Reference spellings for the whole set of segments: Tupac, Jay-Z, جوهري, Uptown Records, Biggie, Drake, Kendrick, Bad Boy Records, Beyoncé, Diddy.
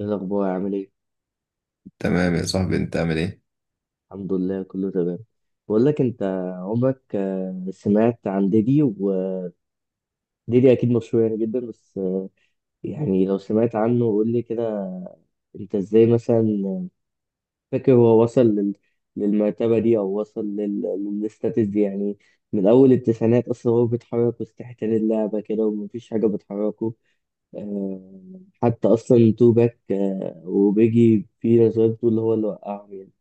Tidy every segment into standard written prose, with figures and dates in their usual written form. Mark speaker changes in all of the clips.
Speaker 1: ايه الاخبار عامل ايه؟
Speaker 2: تمام يا صاحبي، انت عامل ايه؟
Speaker 1: الحمد لله كله تمام. بقول لك انت، عمرك سمعت عن ديدي؟ وديدي اكيد مشهور يعني جدا، بس يعني لو سمعت عنه قول لي كده. انت ازاي مثلا آه، فاكر هو وصل للمرتبه دي، او وصل للستاتس دي يعني؟ من اول التسعينات اصلا هو بيتحرك وسط حيتان اللعبه كده ومفيش حاجه بتحركه. أه... حتى اصلا تو باك، وبيجي، في نظريات بتقول هو اللي وقعهم يعني.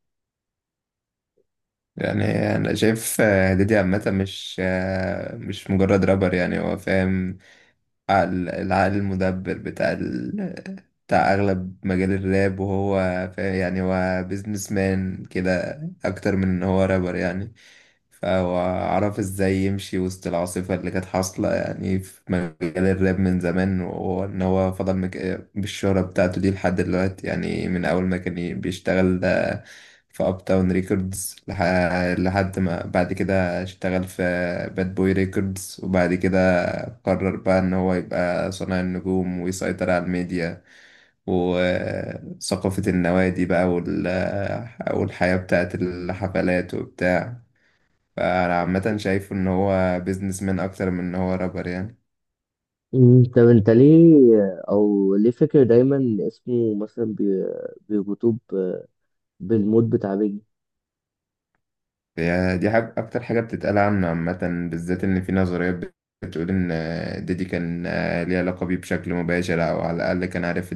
Speaker 2: يعني انا شايف ديدي عامه، مش مش مجرد رابر. يعني هو فاهم العقل المدبر بتاع بتاع اغلب مجال الراب، وهو يعني هو بيزنس مان كده اكتر من ان هو رابر يعني. فهو عرف ازاي يمشي وسط العاصفة اللي كانت حاصلة يعني في مجال الراب من زمان، وان هو فضل بالشهرة بتاعته دي لحد دلوقتي يعني، من اول ما كان بيشتغل ده في اب تاون ريكوردز لحد ما بعد كده اشتغل في باد بوي ريكوردز. وبعد كده قرر بقى ان هو يبقى صانع النجوم، ويسيطر على الميديا وثقافة النوادي بقى والحياة بتاعت الحفلات وبتاع. فأنا عامة شايفه إن هو بيزنس مان أكتر من إن هو رابر يعني.
Speaker 1: طب انت ليه، او ليه فاكر دايما اسمه مثلا بيربطوه بالموت بتاع بيجي؟
Speaker 2: هي دي حاجة، أكتر حاجة بتتقال عنه عامة، بالذات إن في نظريات بتقول إن ديدي كان ليه علاقة بيه بشكل مباشر، أو على الأقل كان عارف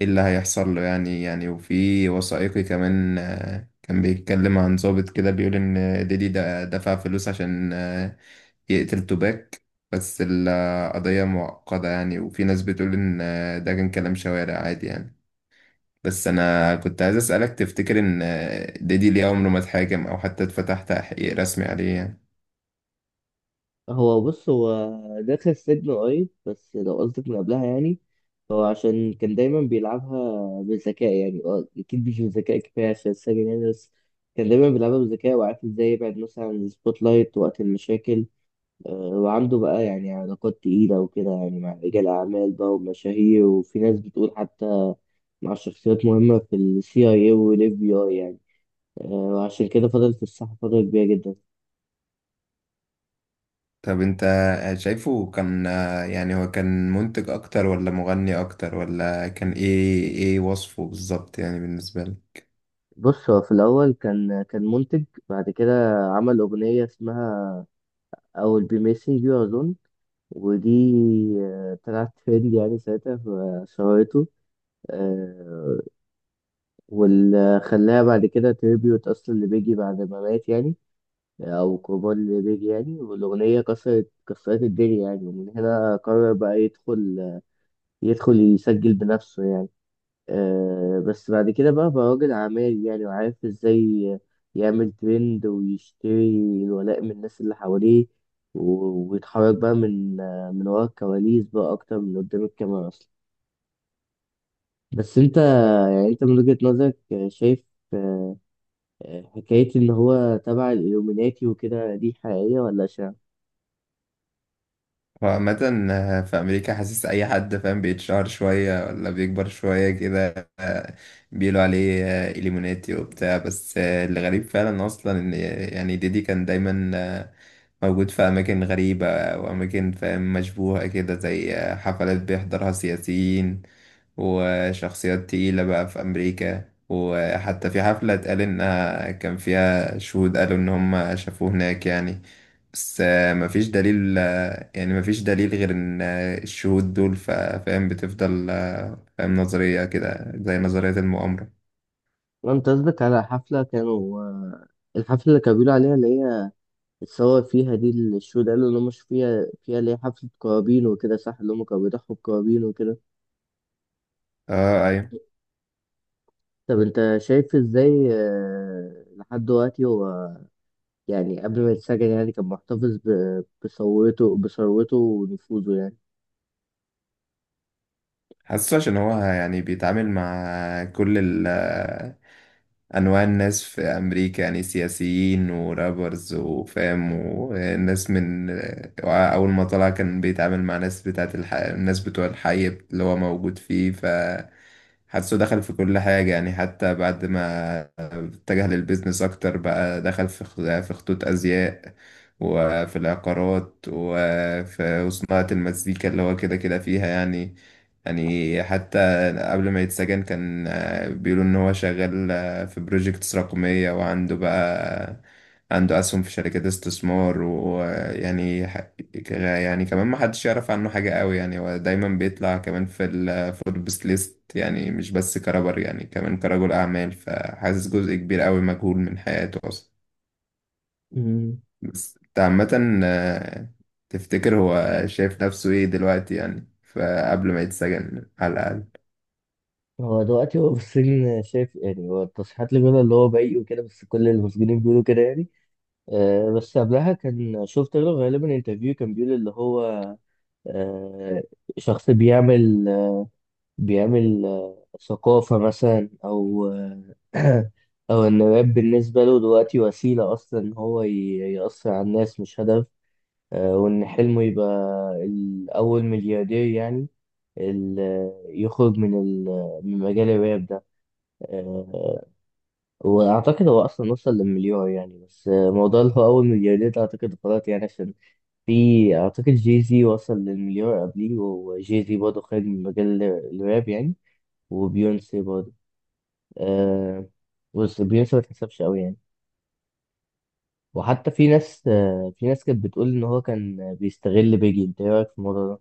Speaker 2: ايه اللي هيحصل له يعني. يعني وفي وثائقي كمان كان بيتكلم عن ضابط كده بيقول ان ديدي ده دفع فلوس عشان يقتل توباك. بس القضية معقدة يعني، وفي ناس بتقول ان ده كان كلام شوارع عادي يعني. بس انا كنت عايز اسألك، تفتكر ان ديدي ليه عمره ما اتحاكم او حتى اتفتح تحقيق رسمي عليه يعني؟
Speaker 1: هو بص، هو داخل السجن قريب، بس لو قصدك من قبلها يعني، هو عشان كان دايما بيلعبها بذكاء يعني. اه، اكيد مش بذكاء كفايه عشان السجن يعني، بس كان دايما بيلعبها بذكاء وعارف ازاي يبعد مثلا عن السبوت لايت وقت المشاكل. وعنده بقى يعني علاقات تقيلة وكده يعني، مع رجال أعمال بقى ومشاهير، وفي ناس بتقول حتى مع شخصيات مهمة في ال CIA وال FBI يعني. وعشان كده فضل في الساحة فترة كبيرة جدا.
Speaker 2: طب انت شايفه كان، يعني هو كان منتج اكتر ولا مغني اكتر ولا كان ايه ايه وصفه بالظبط يعني بالنسبة لك؟
Speaker 1: بص، هو في الأول كان منتج، بعد كده عمل أغنية اسمها I will be missing you أظن، ودي طلعت ترند يعني ساعتها فشهرته آه، واللي خلاها بعد كده تريبيوت أصلا لبيجي بعد ما مات يعني، او كومان ريبيري يعني، والاغنيه كسرت الدنيا يعني. ومن هنا قرر بقى يدخل، يدخل يسجل بنفسه يعني. أه، بس بعد كده بقى راجل اعمال يعني، وعارف ازاي يعمل ترند ويشتري الولاء من الناس اللي حواليه. ويتحرك بقى من ورا الكواليس بقى اكتر من قدام الكاميرا اصلا. بس انت يعني، انت من وجهة نظرك شايف آه، حكاية إن هو تبع الإلluminati وكده دي حقيقية ولا شايف؟
Speaker 2: هو عامة في أمريكا، حاسس أي حد فاهم بيتشهر شوية ولا بيكبر شوية كده بيقولوا عليه إليموناتي وبتاع. بس الغريب فعلا أصلا إن يعني ديدي كان دايما موجود في أماكن غريبة وأماكن فاهم مشبوهة كده، زي حفلات بيحضرها سياسيين وشخصيات تقيلة بقى في أمريكا. وحتى في حفلة اتقال إنها كان فيها شهود قالوا إن هم شافوه هناك يعني. بس مفيش دليل، يعني مفيش دليل غير إن الشهود دول فاهم، بتفضل فاهم نظرية كده زي نظرية المؤامرة.
Speaker 1: انت قصدك على حفلة كانوا الحفلة اللي كانوا بيقولوا عليها، اللي هي اتصور فيها دي، اللي الشو ده اللي هم مش فيها فيها، اللي هي حفلة قرابين وكده، صح؟ اللي هم كانوا بيضحوا بقرابين وكده.
Speaker 2: اه، ايوه.
Speaker 1: طب انت شايف ازاي لحد دلوقتي هو، يعني قبل ما يتسجن يعني، كان محتفظ بثروته، بثروته ونفوذه يعني؟
Speaker 2: حاسه عشان هو يعني بيتعامل مع كل انواع الناس في امريكا، يعني سياسيين ورابرز وفام، وناس من اول ما طلع كان بيتعامل مع ناس بتاعت الناس بتوع الحي اللي هو موجود فيه. فحاسه دخل في كل حاجة يعني. حتى بعد ما اتجه للبيزنس أكتر بقى، دخل في في خطوط أزياء وفي العقارات وفي صناعة المزيكا اللي هو كده كده فيها يعني. يعني حتى قبل ما يتسجن كان بيقولوا إن هو شغال في بروجيكتس رقمية، وعنده بقى عنده أسهم في شركات استثمار. ويعني يعني كمان ما حدش يعرف عنه حاجة قوي يعني. هو دايما بيطلع كمان في الفوربس ليست يعني، مش بس كرابر يعني، كمان كرجل أعمال. فحاسس جزء كبير قوي مجهول من حياته أصلا.
Speaker 1: مم.
Speaker 2: بس انت عامة تفتكر هو شايف نفسه ايه دلوقتي يعني؟ فقبل ما يتسجن على الأقل.
Speaker 1: هو دلوقتي، هو في السجن شايف يعني، هو التصريحات اللي بيقولها اللي هو بريء وكده، بس كل المسجونين بيقولوا كده يعني. بس قبلها كان شفت له غالبا انترفيو كان بيقول اللي هو آه، شخص بيعمل ثقافة مثلا، أو آه، أو إن الراب بالنسبة له دلوقتي وسيلة أصلا إن هو يأثر على الناس مش هدف. وإن حلمه يبقى الأول ملياردير يعني، يخرج من من مجال الراب ده. آه، وأعتقد هو أصلا وصل للمليار يعني، بس موضوع اللي هو أول ملياردير ده أعتقد غلط يعني، عشان في، أعتقد جي زي وصل للمليار قبليه، وجي زي برضه خارج من مجال الراب يعني. وبيونسي برضه آه. بص، بيونسي ما تحسبش قوي يعني. وحتى في ناس، آه، في ناس كانت بتقول إن هو كان بيستغل بيجي. أنت إيه رأيك في الموضوع ده؟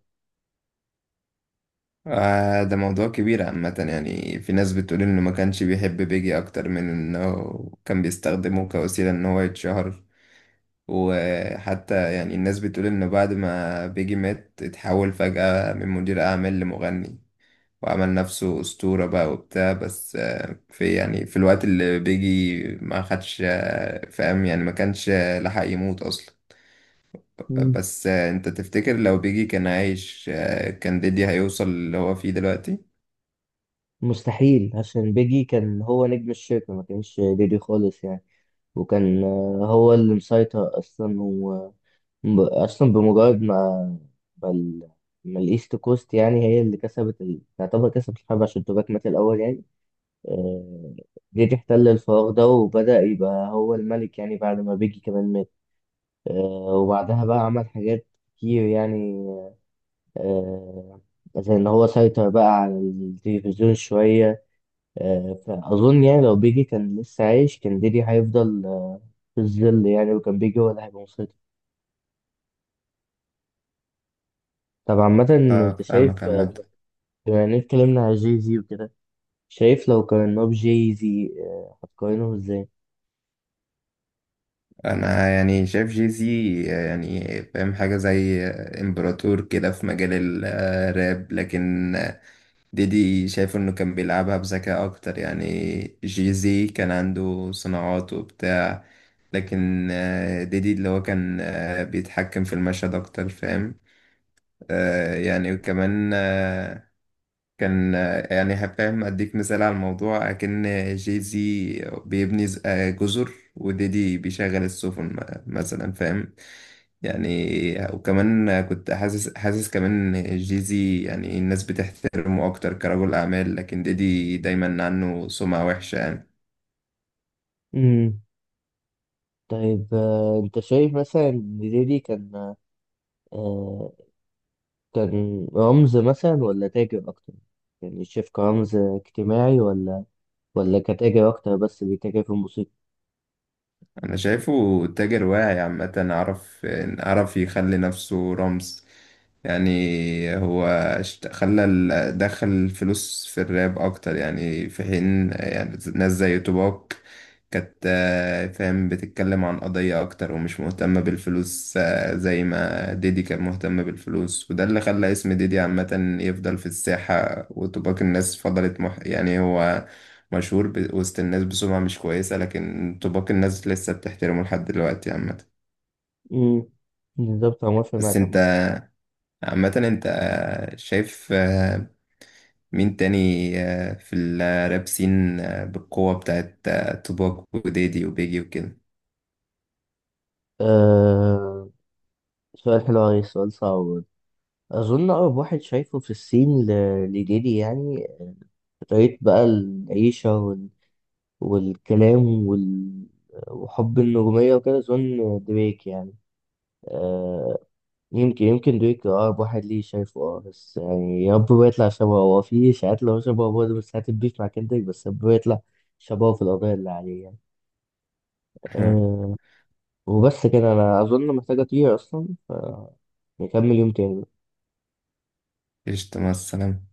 Speaker 2: آه، ده موضوع كبير عامة يعني. في ناس بتقول إنه ما كانش بيحب بيجي أكتر من إنه كان بيستخدمه كوسيلة إن هو يتشهر. وحتى يعني الناس بتقول إنه بعد ما بيجي مات اتحول فجأة من مدير أعمال لمغني، وعمل نفسه أسطورة بقى وبتاع. بس في يعني، في الوقت اللي بيجي ما خدش فاهم يعني، ما كانش لحق يموت أصلا.
Speaker 1: مم.
Speaker 2: بس أنت تفتكر لو بيجي كان عايش كان ديدي هيوصل اللي هو فيه دلوقتي؟
Speaker 1: مستحيل، عشان بيجي كان هو نجم الشركة، ما كانش ديدي خالص يعني. وكان هو اللي مسيطر أصلا. اصلا بمجرد ما، ما, ال... ما الايست كوست يعني هي اللي كسبت تعتبر كسبت الحرب، عشان توباك مات الاول يعني. آه... جيت احتل الفراغ ده وبدأ يبقى هو الملك يعني، بعد ما بيجي كمان مات. آه... وبعدها بقى عمل حاجات كتير يعني، آه... زي ان هو سيطر بقى على التلفزيون شوية. آه... فاظن يعني لو بيجي كان لسه عايش، كان ديدي هيفضل في الظل يعني، وكان بيجي هو اللي هيبقى مسيطر. طب عامة،
Speaker 2: اه،
Speaker 1: انت شايف،
Speaker 2: فاهمك عامة.
Speaker 1: بما إننا اتكلمنا على جي زي وكده، شايف لو قارناه بجي زي هتقارنه ازاي؟
Speaker 2: انا يعني شايف جيزي يعني فاهم حاجة زي امبراطور كده في مجال الراب، لكن ديدي شايف انه كان بيلعبها بذكاء اكتر يعني. جيزي كان عنده صناعات وبتاع، لكن ديدي اللي هو كان بيتحكم في المشهد اكتر فاهم. يعني وكمان كان يعني هفهم اديك مثال على الموضوع. اكن جي زي بيبني جزر، وديدي بيشغل السفن مثلا فاهم يعني. وكمان كنت حاسس، كمان إن جي زي يعني الناس بتحترمه اكتر كرجل اعمال، لكن ديدي دايما عنه سمعة وحشة يعني.
Speaker 1: امم. طيب انت شايف مثلا ان ديدي كان آه، كان رمز مثلا ولا تاجر اكتر؟ يعني شايف كرمز اجتماعي ولا، ولا كتاجر اكتر بس بيتاجر في الموسيقى؟
Speaker 2: انا شايفه تاجر واعي عامة، عرف يخلي نفسه رمز يعني. هو خلى دخل الفلوس في الراب اكتر يعني، في حين يعني ناس زي توباك كانت فاهم بتتكلم عن قضية اكتر، ومش مهتمة بالفلوس زي ما ديدي كان مهتم بالفلوس. وده اللي خلى اسم ديدي عامة يفضل في الساحة، وتوباك الناس فضلت مح يعني. هو مشهور وسط الناس بسمعة مش كويسة، لكن طباق الناس لسه بتحترمه لحد دلوقتي عامة.
Speaker 1: امم، بالظبط، انا موافق
Speaker 2: بس
Speaker 1: معاك
Speaker 2: انت
Speaker 1: عامة.
Speaker 2: عامة، انت شايف مين تاني في الراب سين بالقوة بتاعت طباق وديدي وبيجي وكده؟
Speaker 1: آه، سؤال حلو أوي، سؤال صعب برضه. أظن أقرب واحد شايفه في الصين لديدي يعني، طريقة بقى العيشة والكلام وحب النجومية وكده، أظن دريك يعني. آه، يمكن دريك أقرب واحد ليه شايفه. أه بس يعني يا رب ما يطلع شبهه، هو في إشاعات اللي هو شبهه برضه، بس هتبيف مع كندريك، بس يا رب ما يطلع شبهه في القضايا اللي عليه يعني. آه، وبس كده، أنا أظن محتاج أطير أصلا، ف نكمل يوم تاني.
Speaker 2: قشطة، مع السلامة.